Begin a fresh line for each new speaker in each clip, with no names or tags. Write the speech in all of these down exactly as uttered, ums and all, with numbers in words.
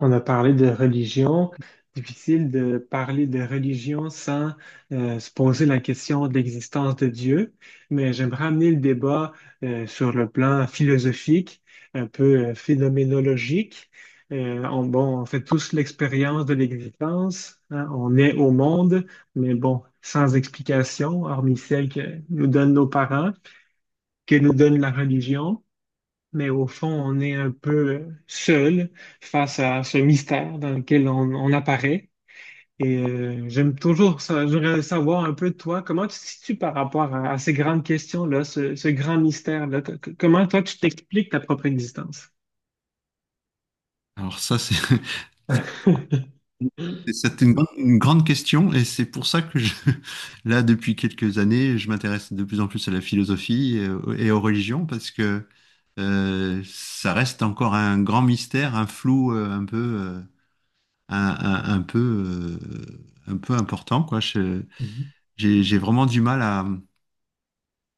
On a parlé de religion. Difficile de parler de religion sans euh, se poser la question de l'existence de Dieu, mais j'aimerais amener le débat euh, sur le plan philosophique, un peu euh, phénoménologique. Euh, on, bon, on fait tous l'expérience de l'existence, hein, on est au monde, mais bon, sans explication, hormis celle que nous donnent nos parents, que nous donne la religion, mais au fond, on est un peu seul face à ce mystère dans lequel on, on apparaît. Et euh, j'aime toujours ça. J'aimerais savoir un peu de toi, comment tu te situes par rapport à, à ces grandes questions-là, ce, ce grand mystère-là. Co- co- Comment toi, tu t'expliques ta propre existence?
Alors ça, c'est c'est- c'est une, grande une grande question, et c'est pour ça que je, là, depuis quelques années, je m'intéresse de plus en plus à la philosophie et, aux et aux religions parce que euh, ça reste encore un grand mystère, un flou euh, un peu, euh, un, un- un peu, euh, un peu important, quoi. Je-
Mhm.
J'ai j'ai vraiment du mal à,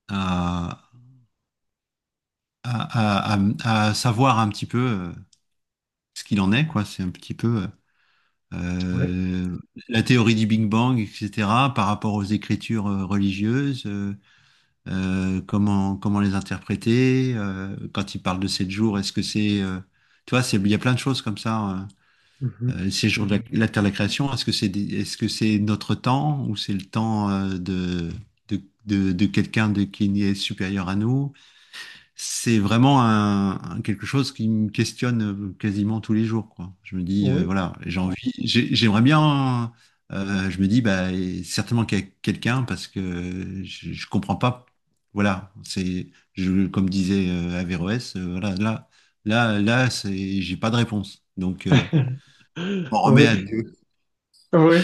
à, à, à- à- à savoir un petit peu, euh, ce qu'il en est, quoi. C'est un petit peu. euh,
Ouais.
euh, la théorie du Big Bang, et cetera, par rapport aux écritures euh, religieuses, euh, euh, comment, comment les interpréter, euh, quand il parle de sept jours, est-ce que c'est... euh, tu vois, c'est, il y a plein de choses comme ça. Euh,
Mhm.
euh, ces jours de la, la Terre de la Création, est-ce que c'est, des- est-ce que c'est notre temps ou c'est le temps euh, de, de, de, de quelqu'un de, qui est supérieur à nous? c'est vraiment un, un- quelque chose qui me questionne, euh, quasiment tous les jours, quoi. Je me dis, euh,
Oui.
voilà, j'ai Ouais. envie, j'ai- j'aimerais bien, euh, je me dis, bah, certainement qu'il y a quelqu'un parce que je, je comprends pas. Voilà, c'est, je, comme disait euh, Averroès, euh, voilà, là, là, là, c'est, j'ai pas de réponse. Donc, euh, on remet à
Oui.
Dieu.
Oui.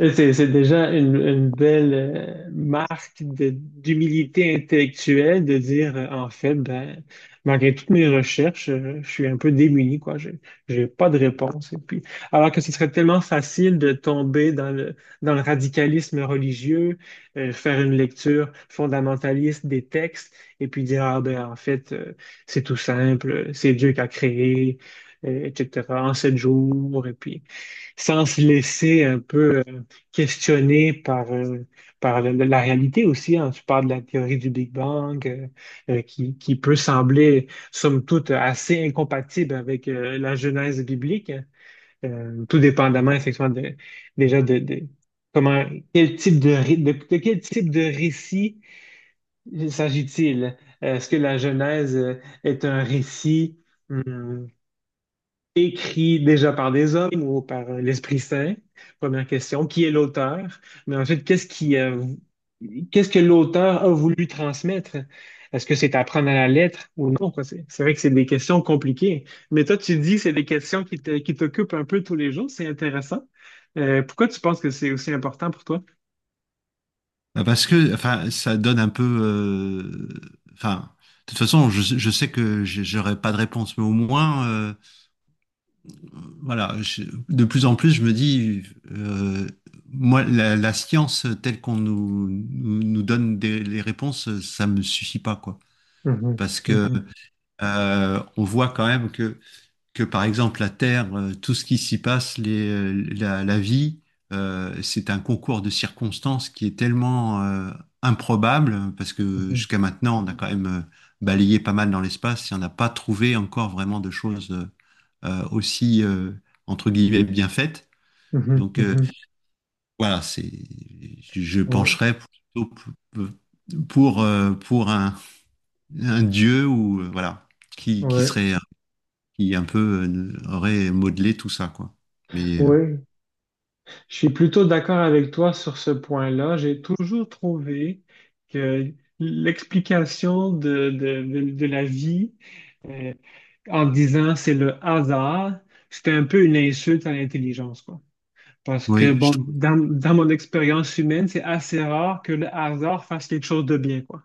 Et c'est c'est déjà une, une belle euh, marque de- d'humilité intellectuelle de dire, euh, en fait, ben, malgré toutes mes recherches, euh, je suis un peu démuni, quoi. J'ai, j'ai pas de réponse. Et puis, alors que ce serait tellement facile de tomber dans le, dans le radicalisme religieux, euh, faire une lecture fondamentaliste des textes et puis dire, ah ben, en fait, euh, c'est tout simple, c'est Dieu qui a créé, euh, et cetera, en sept jours, et puis sans se laisser un peu euh, questionner par, euh, par le- le- la réalité aussi. Hein. Tu parles de la théorie du Big Bang, euh, euh, qui, qui peut sembler, somme toute, assez incompatible avec euh, la genèse biblique, hein. Euh, tout dépendamment, effectivement, de, déjà de, de comment, quel type de, ré- de, de quel type de récit s'agit-il? Est-ce que la genèse euh, est un récit? hum, Écrit déjà par des hommes ou par euh, l'Esprit Saint? Première question. Qui est l'auteur? Mais ensuite, qu'est-ce qui, euh, qu'est-ce que l'auteur a voulu transmettre? Est-ce que c'est à prendre à la lettre ou non, quoi? C'est c'est vrai que c'est des questions compliquées. Mais toi, tu dis que c'est des questions qui te- qui t'occupent un peu tous les jours. C'est intéressant. Euh, pourquoi tu penses que c'est aussi important pour toi?
Bah, parce que, enfin, ça donne un peu, euh, enfin, de toute façon, je, je sais que j'ai- j'aurai pas de réponse, mais au moins. euh, Voilà, je- de plus en plus, je me dis, euh, moi, la, la science telle qu'on nous, nous, nous donne des- les réponses, ça me suffit pas, quoi.
Mhm,
Parce que,
mhm,
euh, on voit quand même que, que, par exemple, la Terre, euh, tout ce qui s'y passe, les, euh, la, la vie, euh, c'est un concours de circonstances qui est tellement euh, improbable, parce que
mhm.
jusqu'à maintenant, on a quand même euh, balayé pas mal dans l'espace et on n'a pas trouvé encore vraiment de choses euh, euh, aussi, euh, entre guillemets, bien faite.
Mhm,
Donc,
mhm.
euh,
Mhm.
voilà, c'est, je
Ouais.
pencherais plutôt pour, pour, euh, pour un, un dieu ou euh, voilà, qui, qui
Ouais,
serait, qui un peu euh, aurait modelé tout ça, quoi. Mais euh,
ouais. Je suis plutôt d'accord avec toi sur ce point-là. J'ai toujours trouvé que l'explication de, de, de, de la vie euh, en disant c'est le hasard, c'était un peu une insulte à l'intelligence, quoi. Parce que,
oui, je
bon,
trouve,
dans, dans mon expérience humaine, c'est assez rare que le hasard fasse quelque chose de bien, quoi,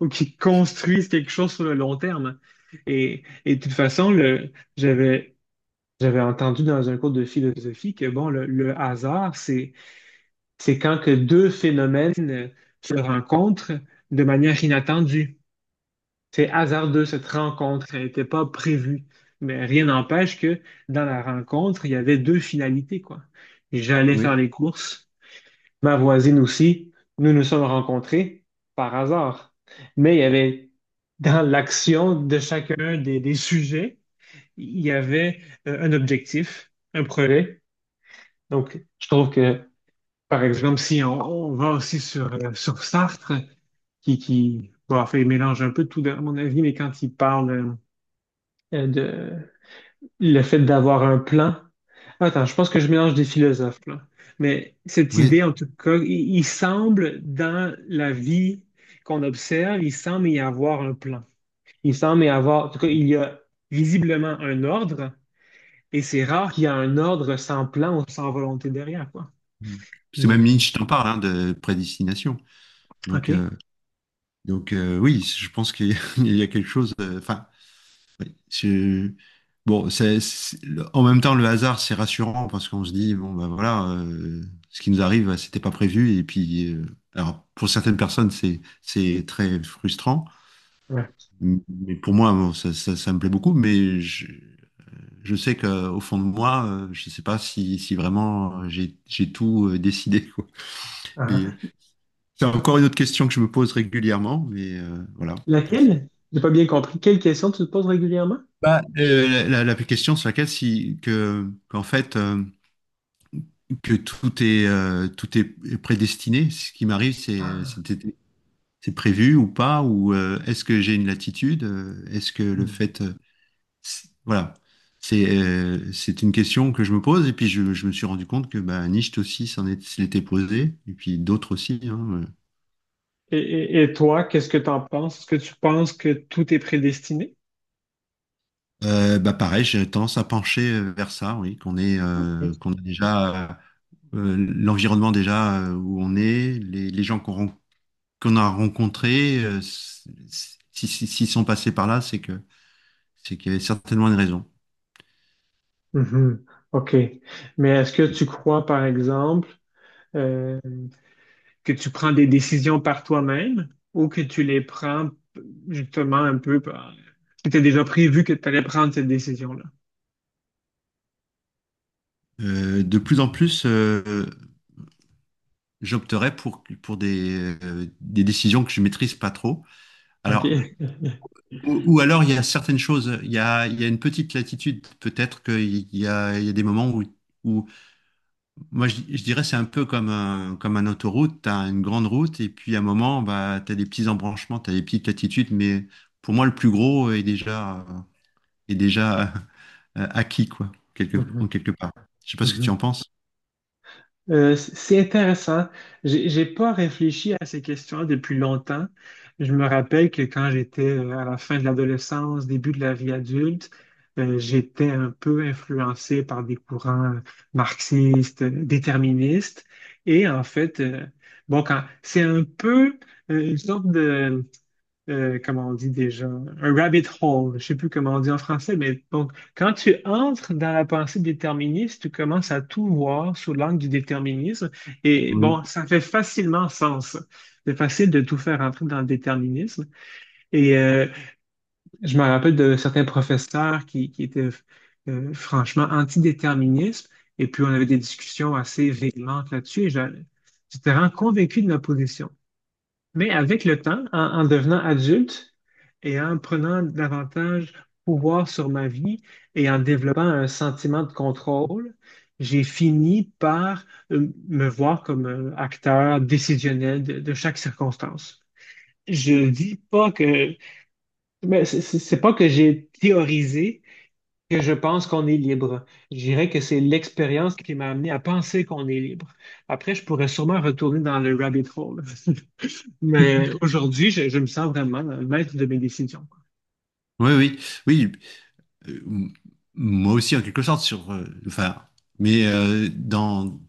ou qu'il construise quelque chose sur le long terme. Et, et de toute façon, le, j'avais j'avais entendu dans un cours de philosophie que bon, le, le hasard, c'est, c'est quand que deux phénomènes euh, se rencontrent de manière inattendue. C'est hasardeux cette rencontre, elle n'était pas prévue. Mais rien n'empêche que dans la rencontre, il y avait deux finalités, quoi. J'allais
oui,
faire les courses, ma voisine aussi, nous nous sommes rencontrés par hasard. Mais il y avait dans l'action de chacun des, des sujets, il y avait euh, un objectif, un projet, donc, je trouve que, par exemple, si on, on va aussi sur, euh, sur Sartre, qui, qui bon, en fait, il mélange un peu tout, à mon avis, mais quand il parle euh, euh, de le fait d'avoir un plan, attends, je pense que je mélange des philosophes, là. Mais cette
oui.
idée, en tout cas, il, il semble, dans la vie qu'on observe, il semble y avoir un plan. Il semble y avoir, en tout cas, il y a visiblement un ordre, et c'est rare qu'il y ait un ordre sans plan ou sans volonté derrière, quoi.
C'est même
Mais, euh,
Nietzsche t'en parle, hein, de prédestination. Donc,
OK.
euh, donc euh, oui, je pense qu'il y a quelque chose. euh, Enfin, Oui, c'est- Bon, c'est, c'est- le- en même temps, le hasard, c'est rassurant parce qu'on se dit, bon, ben voilà, euh, ce qui nous arrive, c'était pas prévu. Et puis, euh, alors, pour certaines personnes, c'est, c'est très frustrant.
Ouais.
Mais pour moi, bon, ça, ça, ça me plaît beaucoup. Mais je, je sais qu'au fond de moi, euh, je sais pas si, si vraiment, euh, j'ai, j'ai tout euh, décidé, quoi. Mais
Ah.
c'est encore une autre question que je me pose régulièrement. Mais euh, voilà. C'est-
Laquelle? J'ai pas bien compris. Quelle question tu te poses régulièrement?
Bah, euh, la, la- la question sur laquelle, si, que, qu'en fait, euh, que tout est, euh, tout est prédestiné. Ce qui m'arrive, c'est
Ah.
c'est- c'est prévu ou pas, ou euh, est-ce que j'ai une latitude, euh, est-ce que le
Hmm.
fait, euh, c'est- voilà, c'est, euh, c'est une question que je me pose. Et puis je, je me suis rendu compte que bah, Nietzsche aussi s'en est- se l'était posé, et puis d'autres aussi, hein. Euh,
Et, et- et toi, qu'est-ce que tu en penses? Est-ce que tu penses que tout est prédestiné?
Euh, bah pareil, j'ai tendance à pencher euh, vers ça, oui, qu'on est, euh,
Ok.
qu'on a déjà euh, l'environnement déjà, euh, où on est, les, les gens qu'on rencontre, qu'on a rencontrés, euh, s- si- si- s'ils sont passés par là, c'est que c'est qu'il y avait certainement une raison.
Mhm. OK. Mais est-ce que tu crois, par exemple, euh, que tu prends des décisions par toi-même ou que tu les prends justement un peu par… Tu as déjà prévu que tu allais prendre cette décision-là.
Euh, de plus en plus, euh, j'opterais pour, pour des, euh, des décisions que je maîtrise pas trop. Alors,
OK.
ou, ou alors, il y a certaines choses, il y a, il y a une petite latitude, peut-être qu'il y a, il y a des moments où, où moi, je, je dirais, c'est un peu comme un, comme un autoroute, tu as une grande route, et puis à un moment, bah, tu as des petits embranchements, tu as des petites latitudes, mais pour moi, le plus gros est déjà, est déjà, euh, acquis, quoi, quelque, en
Mhm,
quelque part. Je sais pas ce que tu
mhm.
en penses.
Euh, c- c'est intéressant. J'ai j'ai pas réfléchi à ces questions depuis longtemps. Je me rappelle que quand j'étais euh, à la fin de l'adolescence, début de la vie adulte, euh, j'étais un peu influencé par des courants marxistes, euh, déterministes. Et en fait, euh, bon, quand c'est un peu euh, une sorte de euh, comment on dit déjà, un rabbit hole, je sais plus comment on dit en français, mais donc, quand tu entres dans la pensée déterministe, tu commences à tout voir sous l'angle du déterminisme, et
Oui.
bon, ça fait facilement sens. C'est facile de tout faire entrer dans le déterminisme. Et euh, je me rappelle de certains professeurs qui, qui étaient euh, franchement antidéterministes, et puis on avait des discussions assez véhémentes là-dessus, et j'a- j'étais vraiment convaincu de ma position. Mais avec le temps, en, en devenant adulte et en prenant davantage pouvoir sur ma vie et en développant un sentiment de contrôle, j'ai fini par euh, me voir comme un acteur décisionnel de, de chaque circonstance. Je dis pas que, mais c'est c'est- c'est pas que j'ai théorisé que je pense qu'on est libre. Je dirais que c'est l'expérience qui m'a amené à penser qu'on est libre. Après, je pourrais sûrement retourner dans le rabbit hole. Mais aujourd'hui, je, je me sens vraiment le maître de mes décisions.
Oui, oui, oui. Euh, m- Moi aussi, en quelque sorte, sur, euh, enfin, mais euh, dans,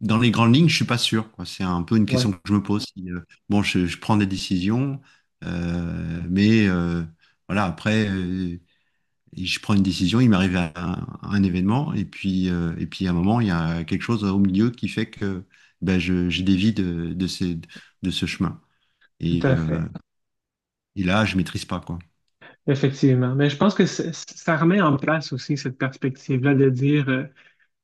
dans les grandes lignes, je suis pas sûr, quoi. C'est un peu une
Oui,
question que je me pose. Si, euh, Bon, je, je prends des décisions, euh, mais euh, voilà, après, euh, je prends une décision, il m'arrive un, un événement, et puis, euh, et puis à un moment, il y a quelque chose au milieu qui fait que ben, je, je dévie de, de ces- de ce chemin.
tout
Et,
à
euh,
fait.
et là, je maîtrise pas, quoi.
Effectivement. Mais je pense que c'est- ça remet en place aussi cette perspective-là de dire euh,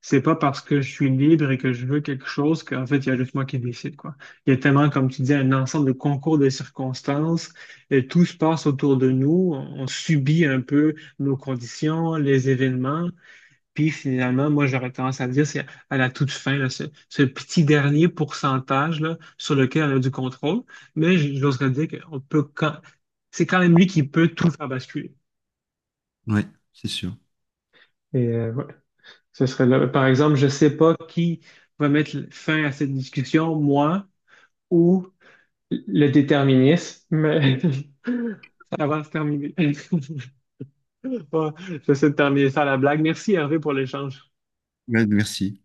c'est pas parce que je suis libre et que je veux quelque chose qu'en fait, il y a juste moi qui décide, quoi. Il y a tellement, comme tu dis, un ensemble de concours de circonstances et tout se passe autour de nous. On, on subit un peu nos conditions, les événements. Puis finalement, moi, j'aurais tendance à dire, c'est à la toute fin, là, ce, ce petit dernier pourcentage là, sur lequel on a du contrôle. Mais j- j'oserais dire qu'on peut quand… c'est quand même lui qui peut tout faire basculer.
Ouais, c'est sûr.
Et euh, ouais, ce serait là. Par exemple, je ne sais pas qui va mettre fin à cette discussion, moi ou le déterminisme, mais ça va se terminer. Ouais, j'essaie de terminer ça à la blague. Merci Hervé pour l'échange.
Ouais, merci.